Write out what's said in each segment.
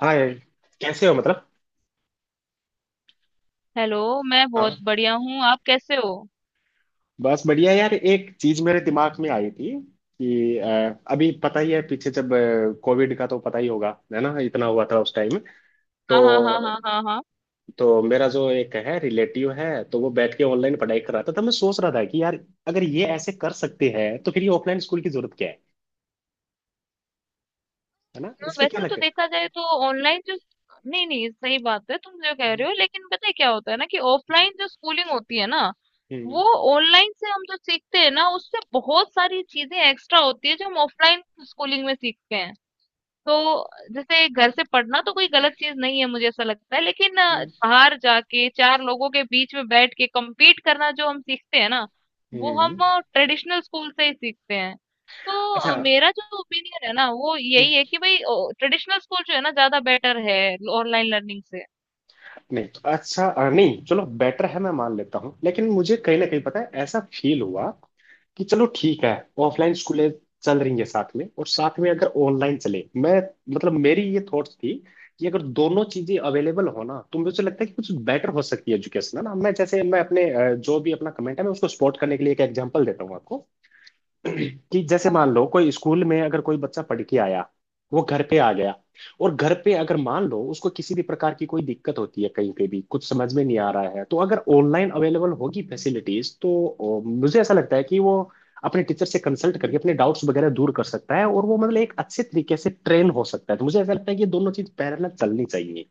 हाँ यार, कैसे हो मतलब? हेलो। मैं बहुत हाँ, बढ़िया हूँ, आप कैसे हो? बस बढ़िया यार। एक चीज मेरे दिमाग में आई थी कि अभी पता ही है, पीछे जब कोविड का तो पता ही होगा, है ना, इतना हुआ था उस टाइम। हाँ, तो हाँ, हाँ, हाँ, हाँ, हाँ, हाँ। तो मेरा जो एक है रिलेटिव है, तो वो बैठ के ऑनलाइन पढ़ाई कर रहा था, तो मैं सोच रहा था कि यार अगर ये ऐसे कर सकते हैं, तो फिर ये ऑफलाइन स्कूल की जरूरत क्या है। है ना, इसमें क्या वैसे तो लगता है? देखा जाए तो ऑनलाइन जो नहीं, नहीं, सही बात है तुम जो कह हम्म। रहे हो, लेकिन पता है क्या होता है ना कि ऑफलाइन जो स्कूलिंग होती है ना वो ऑनलाइन से हम जो सीखते हैं ना उससे बहुत सारी चीजें एक्स्ट्रा होती है जो हम ऑफलाइन स्कूलिंग में सीखते हैं। तो जैसे घर से पढ़ना तो कोई गलत चीज नहीं है, मुझे ऐसा लगता है, लेकिन हम्म। बाहर जाके चार लोगों के बीच में बैठ के compete करना जो हम सीखते हैं ना वो हम हम्म। ट्रेडिशनल स्कूल से ही सीखते हैं। तो अच्छा। मेरा जो ओपिनियन है ना वो हम्म। यही है कि भाई ट्रेडिशनल स्कूल जो है ना ज्यादा बेटर है ऑनलाइन लर्निंग से। नहीं, तो अच्छा, नहीं चलो, बेटर है, मैं मान लेता हूँ, लेकिन मुझे कहीं ना कहीं पता है, ऐसा फील हुआ कि चलो ठीक है, हम्म। ऑफलाइन स्कूलें चल रही हैं साथ में, और साथ में अगर ऑनलाइन चले। मैं मतलब मेरी ये थॉट्स थी कि अगर दोनों चीजें अवेलेबल हो ना, तो मुझे लगता है कि कुछ बेटर हो सकती है एजुकेशन, है ना। मैं जैसे मैं अपने जो भी अपना कमेंट है, मैं उसको सपोर्ट करने के लिए एक एग्जांपल देता हूँ आपको कि जैसे हाँ, मान हाँ। लो कोई स्कूल में अगर कोई बच्चा पढ़ के आया, वो घर पे आ गया, और घर पे अगर मान लो उसको किसी भी प्रकार की कोई दिक्कत होती है, कहीं पे भी कुछ समझ में नहीं आ रहा है, तो अगर ऑनलाइन अवेलेबल होगी फैसिलिटीज, तो मुझे ऐसा लगता है कि वो अपने टीचर से कंसल्ट करके अपने डाउट्स वगैरह दूर कर सकता है, और वो मतलब एक अच्छे तरीके से ट्रेन हो सकता है। तो मुझे ऐसा लगता है कि ये दोनों चीज पैरेलल चलनी चाहिए।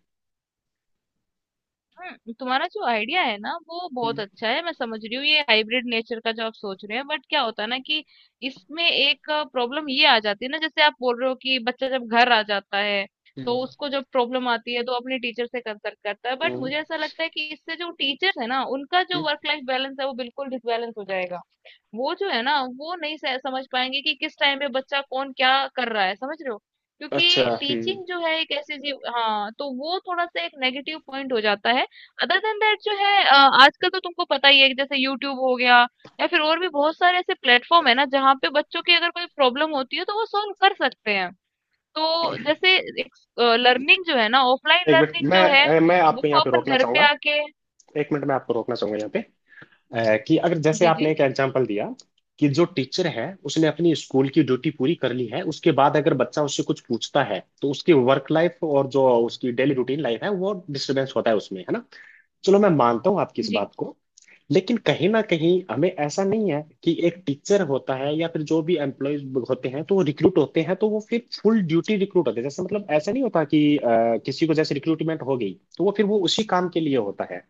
तुम्हारा जो आइडिया है ना वो बहुत हम्म। अच्छा है, मैं समझ रही हूँ ये हाइब्रिड नेचर का जो आप सोच रहे हैं, बट क्या होता है ना कि इसमें एक प्रॉब्लम ये आ जाती है ना। जैसे आप बोल रहे हो कि बच्चा जब घर आ जाता है तो हम्म। उसको जब प्रॉब्लम आती है तो अपने टीचर से कंसल्ट करता है, बट हम्म। मुझे ऐसा लगता है कि इससे जो टीचर्स है ना उनका जो हम्म। वर्क लाइफ बैलेंस है वो बिल्कुल डिसबैलेंस हो जाएगा। वो जो है ना वो नहीं समझ पाएंगे कि किस टाइम पे बच्चा कौन क्या कर रहा है, समझ रहे हो? अच्छा। क्योंकि हम्म। टीचिंग जो है एक ऐसी चीज। हाँ, तो वो थोड़ा सा एक नेगेटिव पॉइंट हो जाता है। अदर देन दैट जो है आजकल तो तुमको पता ही है कि जैसे यूट्यूब हो गया या फिर और भी बहुत सारे ऐसे प्लेटफॉर्म है ना जहाँ पे बच्चों की अगर कोई प्रॉब्लम होती है तो वो सॉल्व कर सकते हैं। तो जैसे एक लर्निंग जो है ना ऑफलाइन एक मिनट, लर्निंग जो है मैं वो आपको यहाँ पे अपन रोकना घर पे चाहूंगा। आके। एक मिनट, मैं आपको रोकना चाहूंगा यहाँ पे। कि अगर जैसे जी, आपने जी, एक एग्जांपल दिया कि जो टीचर है, उसने अपनी स्कूल की ड्यूटी पूरी कर ली है, उसके बाद अगर बच्चा उससे कुछ पूछता है, तो उसकी वर्क लाइफ और जो उसकी डेली रूटीन लाइफ है, वो डिस्टर्बेंस होता है उसमें, है ना। चलो मैं मानता हूँ आपकी इस जी। बात को, लेकिन कहीं ना कहीं हमें ऐसा नहीं है कि एक टीचर होता है या फिर जो भी एम्प्लॉयज होते हैं, तो वो रिक्रूट होते हैं, तो वो फिर फुल ड्यूटी रिक्रूट होते हैं। जैसे मतलब ऐसा नहीं होता कि किसी को जैसे रिक्रूटमेंट हो गई, तो वो फिर वो उसी काम के लिए होता है।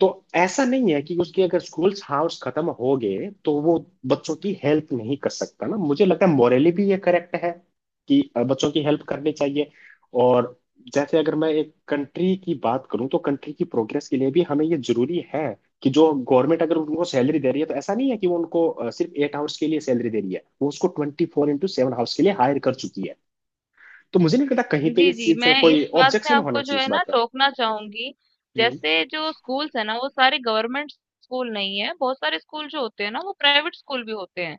तो ऐसा नहीं है कि उसके अगर स्कूल्स हाउस खत्म हो गए, तो वो बच्चों की हेल्प नहीं कर सकता ना। मुझे लगता है मोरली भी ये करेक्ट है कि बच्चों की हेल्प करनी चाहिए। और जैसे अगर मैं एक कंट्री की बात करूं, तो कंट्री की प्रोग्रेस के लिए भी हमें ये जरूरी है कि जो गवर्नमेंट अगर उनको सैलरी दे रही है, तो ऐसा नहीं है कि वो उनको सिर्फ 8 आवर्स के लिए सैलरी दे रही है। वो उसको 24x7 आवर्स के लिए हायर कर चुकी है। तो मुझे नहीं लगता कहीं पे जी, इस जी। चीज का मैं कोई इस बात में ऑब्जेक्शन होना आपको जो चाहिए है इस ना बात का। टोकना चाहूँगी। हम्म। जैसे जो स्कूल्स हैं ना वो सारे गवर्नमेंट स्कूल नहीं है, बहुत सारे स्कूल जो होते हैं ना वो प्राइवेट स्कूल भी होते हैं।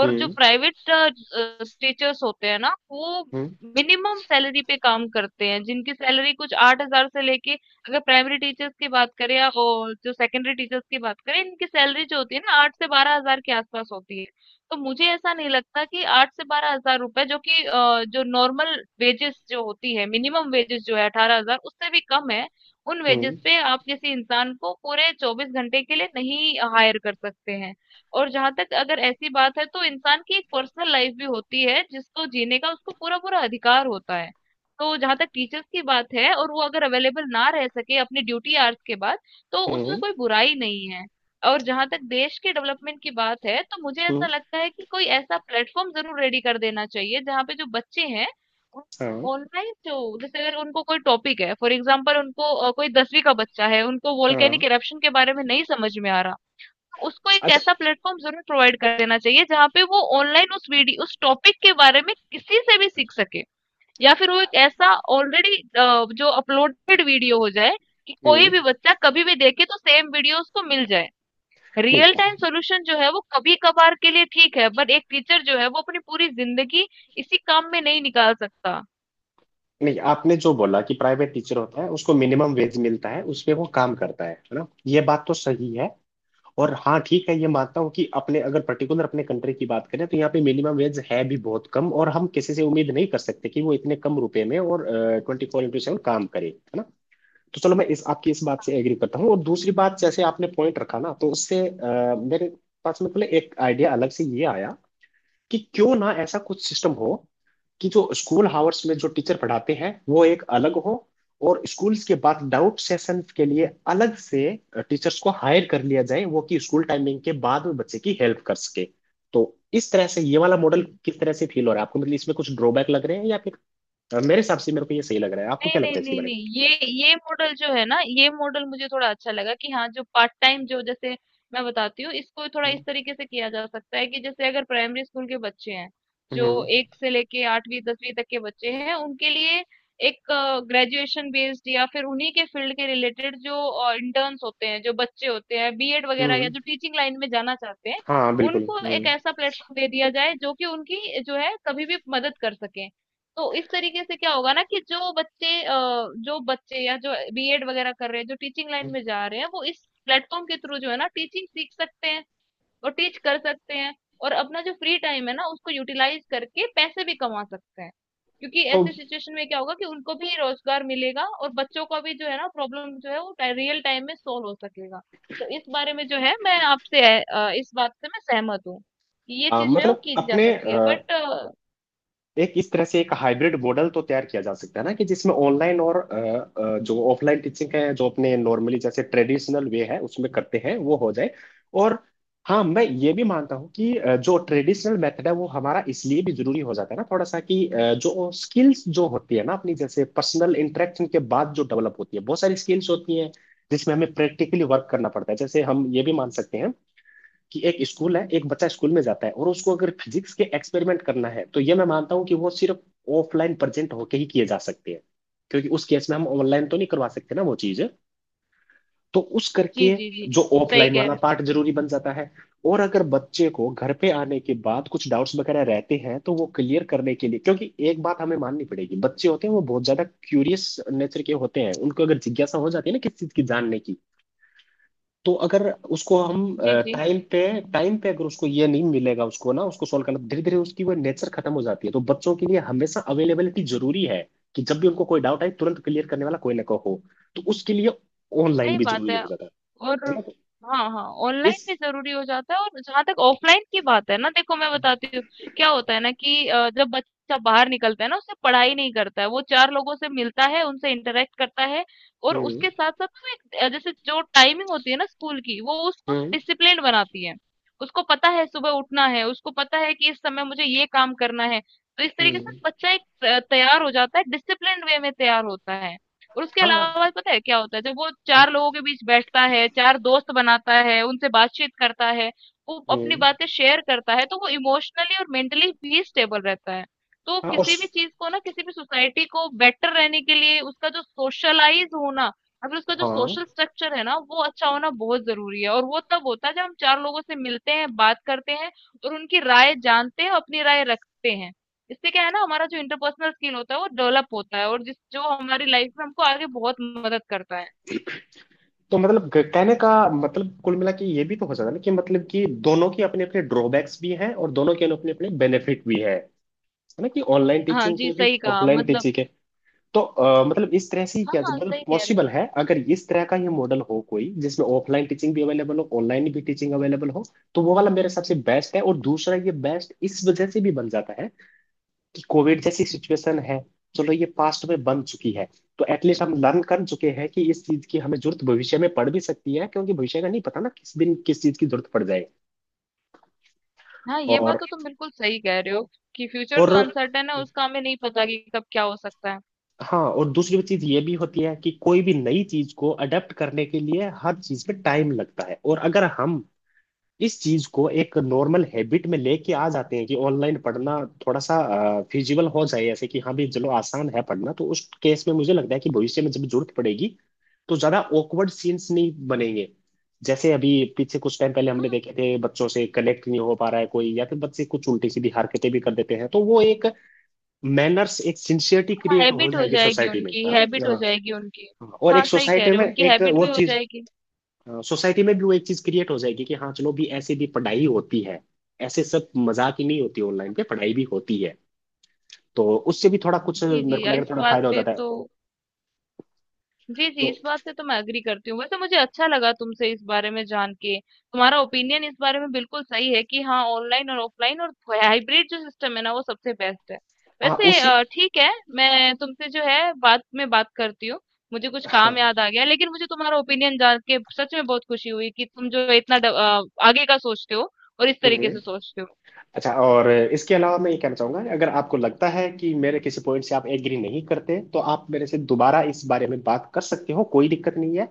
और जो हम्म। प्राइवेट टीचर्स होते हैं ना वो हम्म। मिनिमम सैलरी पे काम करते हैं, जिनकी सैलरी कुछ 8,000 से लेके अगर प्राइमरी टीचर्स की बात करें या और जो सेकेंडरी टीचर्स की बात करें, इनकी सैलरी जो होती है ना 8 से 12,000 के आस-पास होती है। तो मुझे ऐसा नहीं लगता कि 8 से ₹12,000 जो कि जो नॉर्मल वेजेस जो होती है, मिनिमम वेजेस जो है 18,000 उससे भी कम है। उन वेजेस हम्म। पे आप किसी इंसान को पूरे 24 घंटे के लिए नहीं हायर कर सकते हैं। और जहाँ तक अगर ऐसी बात है तो इंसान की एक पर्सनल लाइफ भी होती है जिसको जीने का उसको पूरा-पूरा अधिकार होता है। तो जहाँ तक टीचर्स की बात है और वो अगर अवेलेबल ना रह सके अपनी ड्यूटी आवर्स के बाद, तो उसमें हम्म। कोई बुराई नहीं है। और जहां तक देश के डेवलपमेंट की बात है तो मुझे हम्म। ऐसा लगता है कि कोई ऐसा प्लेटफॉर्म जरूर रेडी कर देना चाहिए जहां पे जो बच्चे हैं हाँ, ऑनलाइन जो जैसे अगर उनको कोई टॉपिक है, फॉर एग्जांपल उनको कोई दसवीं का बच्चा है उनको हाँ। वोल्केनिक इरप्शन के बारे में नहीं समझ में आ रहा। उसको एक अच्छा। ऐसा प्लेटफॉर्म जरूर प्रोवाइड कर देना चाहिए जहाँ पे वो ऑनलाइन उस वीडियो उस टॉपिक के बारे में किसी से भी सीख सके या फिर वो एक ऐसा ऑलरेडी जो अपलोडेड वीडियो हो जाए कि कोई हम्म। भी बच्चा कभी भी देखे तो सेम वीडियो उसको मिल जाए। रियल नहीं, टाइम सॉल्यूशन जो है वो कभी कभार के लिए ठीक है, पर एक टीचर जो है वो अपनी पूरी जिंदगी इसी काम में नहीं निकाल सकता। नहीं, आपने जो बोला कि प्राइवेट टीचर होता है, उसको मिनिमम वेज मिलता है, उसपे वो काम करता है ना, ये बात तो सही है। और हाँ, ठीक है, ये मानता हूँ कि अपने अगर पर्टिकुलर अपने कंट्री की बात करें, तो यहाँ पे मिनिमम वेज है भी बहुत कम, और हम किसी से उम्मीद नहीं कर सकते कि वो इतने कम रुपए में और 24x7 काम करे, है ना। तो चलो मैं इस आपकी इस बात से एग्री करता हूँ। और दूसरी बात, जैसे आपने पॉइंट रखा ना, तो उससे मेरे पास में पहले एक आइडिया अलग से ये आया कि क्यों ना ऐसा कुछ सिस्टम हो कि जो स्कूल आवर्स में जो टीचर पढ़ाते हैं वो एक अलग हो, और स्कूल्स के बाद डाउट सेशंस के लिए अलग से टीचर्स को हायर कर लिया जाए, वो कि स्कूल टाइमिंग के बाद में बच्चे की हेल्प कर सके। तो इस तरह से ये वाला मॉडल जी। किस तरह से फील हो रहा है आपको? मतलब इसमें कुछ ड्रॉबैक लग रहे हैं या फिर मेरे हिसाब से मेरे को ये सही लग रहा है। आपको नहीं, क्या नहीं, लगता है इसके नहीं, बारे नहीं, ये मॉडल जो है ना ये मॉडल मुझे थोड़ा अच्छा लगा कि हाँ जो पार्ट टाइम जो जैसे मैं बताती हूँ इसको थोड़ा इस में? तरीके से किया जा सकता है कि जैसे अगर प्राइमरी स्कूल के बच्चे हैं, हम्म। जो हम्म। एक से लेके आठवीं दसवीं तक के बच्चे हैं उनके लिए एक ग्रेजुएशन बेस्ड या फिर उन्हीं के फील्ड के रिलेटेड जो इंटर्न्स होते हैं जो बच्चे होते हैं बीएड वगैरह या हम्म, जो टीचिंग लाइन में जाना चाहते हैं हाँ बिल्कुल। उनको एक हम्म। ऐसा प्लेटफॉर्म दे दिया जाए जो कि उनकी जो है कभी भी मदद कर सके। तो इस तरीके से क्या होगा ना कि जो बच्चे या जो बीएड वगैरह कर रहे हैं जो टीचिंग लाइन में जा रहे हैं वो इस प्लेटफॉर्म के थ्रू जो है ना टीचिंग सीख सकते हैं और टीच कर सकते हैं और अपना जो फ्री टाइम है ना उसको यूटिलाइज करके पैसे भी कमा सकते हैं। क्योंकि तो ऐसे सिचुएशन में क्या होगा कि उनको भी रोजगार मिलेगा और बच्चों का भी जो है ना प्रॉब्लम जो है वो रियल टाइम में सॉल्व हो सकेगा। तो इस बारे में जो है मैं आपसे इस बात से मैं सहमत हूँ कि ये चीज जो है वो मतलब की जा अपने सकती है, बट एक इस तरह से एक हाइब्रिड मॉडल तो तैयार किया जा सकता है ना, कि जिसमें ऑनलाइन और जो ऑफलाइन टीचिंग है, जो अपने नॉर्मली जैसे ट्रेडिशनल वे है उसमें करते हैं, वो हो जाए। और हाँ, मैं ये भी मानता हूँ कि जो ट्रेडिशनल मेथड है वो हमारा इसलिए भी जरूरी हो जाता है ना, थोड़ा सा, कि जो स्किल्स जो होती है ना अपनी, जैसे पर्सनल इंटरेक्शन के बाद जो डेवलप होती है, बहुत सारी स्किल्स होती हैं जिसमें हमें प्रैक्टिकली वर्क करना पड़ता है। जैसे हम ये भी मान सकते हैं कि एक स्कूल है, एक बच्चा स्कूल में जाता है, और उसको अगर फिजिक्स के एक्सपेरिमेंट करना है, तो ये मैं मानता हूँ कि वो सिर्फ ऑफलाइन प्रेजेंट होके ही किए जा सकते हैं, क्योंकि उस केस में हम ऑनलाइन तो नहीं करवा सकते ना वो चीज। तो उस जी, करके जी, जी। जो सही ऑफलाइन कह वाला रहे हो पार्ट जरूरी बन जाता है। और अगर बच्चे को घर पे आने के बाद कुछ डाउट्स वगैरह रहते हैं, तो वो क्लियर करने के लिए, क्योंकि एक बात हमें माननी पड़ेगी, बच्चे होते हैं वो बहुत ज्यादा क्यूरियस नेचर के होते हैं। उनको अगर जिज्ञासा हो जाती है ना किसी चीज की जानने की, तो अगर उसको हम जी, जी। टाइम पे, टाइम पे अगर उसको ये नहीं मिलेगा, उसको ना उसको सॉल्व करना, धीरे धीरे उसकी वो नेचर खत्म हो जाती है। तो बच्चों के लिए हमेशा अवेलेबिलिटी जरूरी है कि जब भी उनको कोई डाउट आए, तुरंत क्लियर करने वाला कोई ना कोई हो। तो उसके लिए ऑनलाइन सही भी बात जरूरी है। हो जाता है और है ना। तो हाँ, हाँ, ऑनलाइन इस भी ज़रूरी हो जाता है, और जहाँ तक ऑफलाइन की बात है ना, देखो मैं बताती हूँ, क्या होता है ना कि जब बच्चा बाहर निकलता है ना, उससे पढ़ाई नहीं करता है, वो 4 लोगों से मिलता है, उनसे इंटरैक्ट करता है, और हम्म। उसके साथ-साथ ना एक जैसे जो टाइमिंग होती है ना स्कूल की, वो उसको हम्म। डिसिप्लिन्ड बनाती है। उसको पता है सुबह उठना है, उसको पता है कि इस समय मुझे ये काम करना है, तो इस तरीके से हम्म। बच्चा एक तैयार हो जाता है, डिसिप्लिन्ड वे में तैयार होता है। और उसके हाँ। अलावा पता है क्या होता है जब वो चार लोगों के बीच बैठता है चार दोस्त बनाता है उनसे बातचीत करता है वो अपनी हम्म। बातें शेयर करता है तो वो इमोशनली और मेंटली भी स्टेबल रहता है। तो हाँ और किसी भी चीज को ना किसी भी सोसाइटी को बेटर रहने के लिए उसका जो सोशलाइज होना या फिर उसका जो हाँ। सोशल स्ट्रक्चर है ना वो अच्छा होना बहुत जरूरी है, और वो तब होता है जब हम चार लोगों से मिलते हैं बात करते हैं और उनकी राय जानते हैं अपनी राय रखते हैं। इससे क्या है ना हमारा जो इंटरपर्सनल स्किल होता है वो डेवलप होता है और जिस जो हमारी लाइफ में हमको आगे बहुत मदद करता है। तो मतलब कहने का मतलब कुल मिला के ये भी तो हो जाता है ना कि मतलब कि दोनों की अपने अपने ड्रॉबैक्स भी हैं और दोनों के अपने अपने बेनिफिट भी है ना, कि ऑनलाइन हाँ टीचिंग जी, के भी, सही कहा। ऑफलाइन मतलब टीचिंग है। तो मतलब इस तरह से ही हाँ क्या हाँ मतलब सही कह रहे पॉसिबल हो। है अगर इस तरह का ये मॉडल हो कोई जिसमें ऑफलाइन टीचिंग भी अवेलेबल हो, ऑनलाइन भी टीचिंग अवेलेबल हो, तो वो वाला मेरे हिसाब से बेस्ट है। और दूसरा ये बेस्ट इस वजह से भी बन जाता है कि कोविड जैसी सिचुएशन है, चलो ये पास्ट में बन चुकी है, तो एटलीस्ट हम लर्न कर चुके हैं कि इस चीज की हमें जरूरत भविष्य में पड़ भी सकती है, क्योंकि भविष्य का नहीं पता ना किस दिन किस चीज की जरूरत पड़ जाए। हाँ, ये बात और तो तुम बिल्कुल सही कह रहे हो कि फ्यूचर और तो अनसर्टेन है, उसका हमें नहीं पता कि कब क्या हो सकता है। हाँ, और दूसरी चीज ये भी होती है कि कोई भी नई चीज को अडेप्ट करने के लिए हर चीज में टाइम लगता है। और अगर हम इस चीज को एक नॉर्मल हैबिट में लेके आ जाते हैं कि ऑनलाइन पढ़ना थोड़ा सा फिजिबल हो जाए, ऐसे कि हाँ भी चलो आसान है पढ़ना, तो उस केस में मुझे लगता है कि भविष्य में जब जरूरत पड़ेगी, तो ज्यादा awkward सीन्स नहीं बनेंगे। जैसे अभी पीछे कुछ टाइम पहले हमने देखे थे, बच्चों से कनेक्ट नहीं हो पा रहा है कोई, या फिर बच्चे कुछ उल्टी सीधी हरकतें भी कर देते हैं, तो वो एक मैनर्स, एक सिंसियरिटी हाँ क्रिएट हो हैबिट हो जाएगी जाएगी सोसाइटी में। उनकी, हाँ, हैबिट हो हाँ, जाएगी उनकी। हाँ। और हाँ एक सही कह सोसाइटी रहे हो, में उनकी एक हैबिट वो भी हो चीज, जाएगी। सोसाइटी में भी वो एक चीज क्रिएट हो जाएगी कि हाँ चलो भी ऐसे भी पढ़ाई होती है, ऐसे सब मजाक ही नहीं होती, ऑनलाइन पे पढ़ाई भी होती है। तो उससे भी थोड़ा कुछ जी मेरे जी, को लग रहा है इस थोड़ा बात फायदा हो पे जाता है। तो जी, जी, तो इस बात से तो मैं एग्री करती हूँ। वैसे मुझे अच्छा लगा तुमसे इस बारे में जान के। तुम्हारा ओपिनियन इस बारे में बिल्कुल सही है कि हाँ, ऑनलाइन और ऑफलाइन और हाइब्रिड जो सिस्टम है ना, वो सबसे बेस्ट है। हाँ, वैसे उसी। ठीक है, मैं तुमसे जो है बाद में बात करती हूँ। मुझे कुछ काम हाँ, याद आ गया, लेकिन मुझे तुम्हारा ओपिनियन जान के सच में बहुत खुशी हुई कि तुम जो है इतना आगे का सोचते हो और इस तरीके हम्म। से सोचते हो। अच्छा, और इसके अलावा मैं ये कहना चाहूंगा कि अगर आपको लगता है कि मेरे किसी पॉइंट से आप एग्री नहीं करते, तो आप मेरे से दोबारा इस बारे में बात कर सकते हो, कोई दिक्कत नहीं है।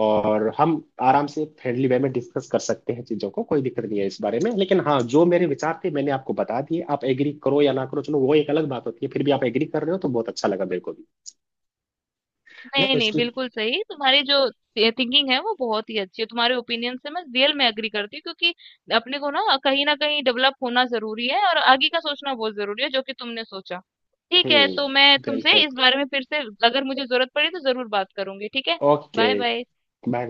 और हम आराम से फ्रेंडली वे में डिस्कस कर सकते हैं चीज़ों को, कोई दिक्कत नहीं है इस बारे में। लेकिन हाँ, जो मेरे विचार थे मैंने आपको बता दिए, आप एग्री करो या ना करो, चलो वो एक अलग बात होती है। फिर भी आप एग्री कर रहे हो, तो बहुत अच्छा लगा मेरे को भी, है ना। नहीं तो नहीं इसकी बिल्कुल सही, तुम्हारी जो थिंकिंग है वो बहुत ही अच्छी है, तुम्हारे ओपिनियन से मैं रियल में एग्री करती हूँ क्योंकि अपने को ना कहीं डेवलप होना जरूरी है और आगे का सोचना बहुत जरूरी है जो कि तुमने सोचा। ठीक है, तो मैं हम्म। तुमसे बिल्कुल। इस बारे में फिर से अगर मुझे जरूरत पड़ी तो जरूर बात करूंगी, ठीक है? Okay. Bye bye. Bye bye.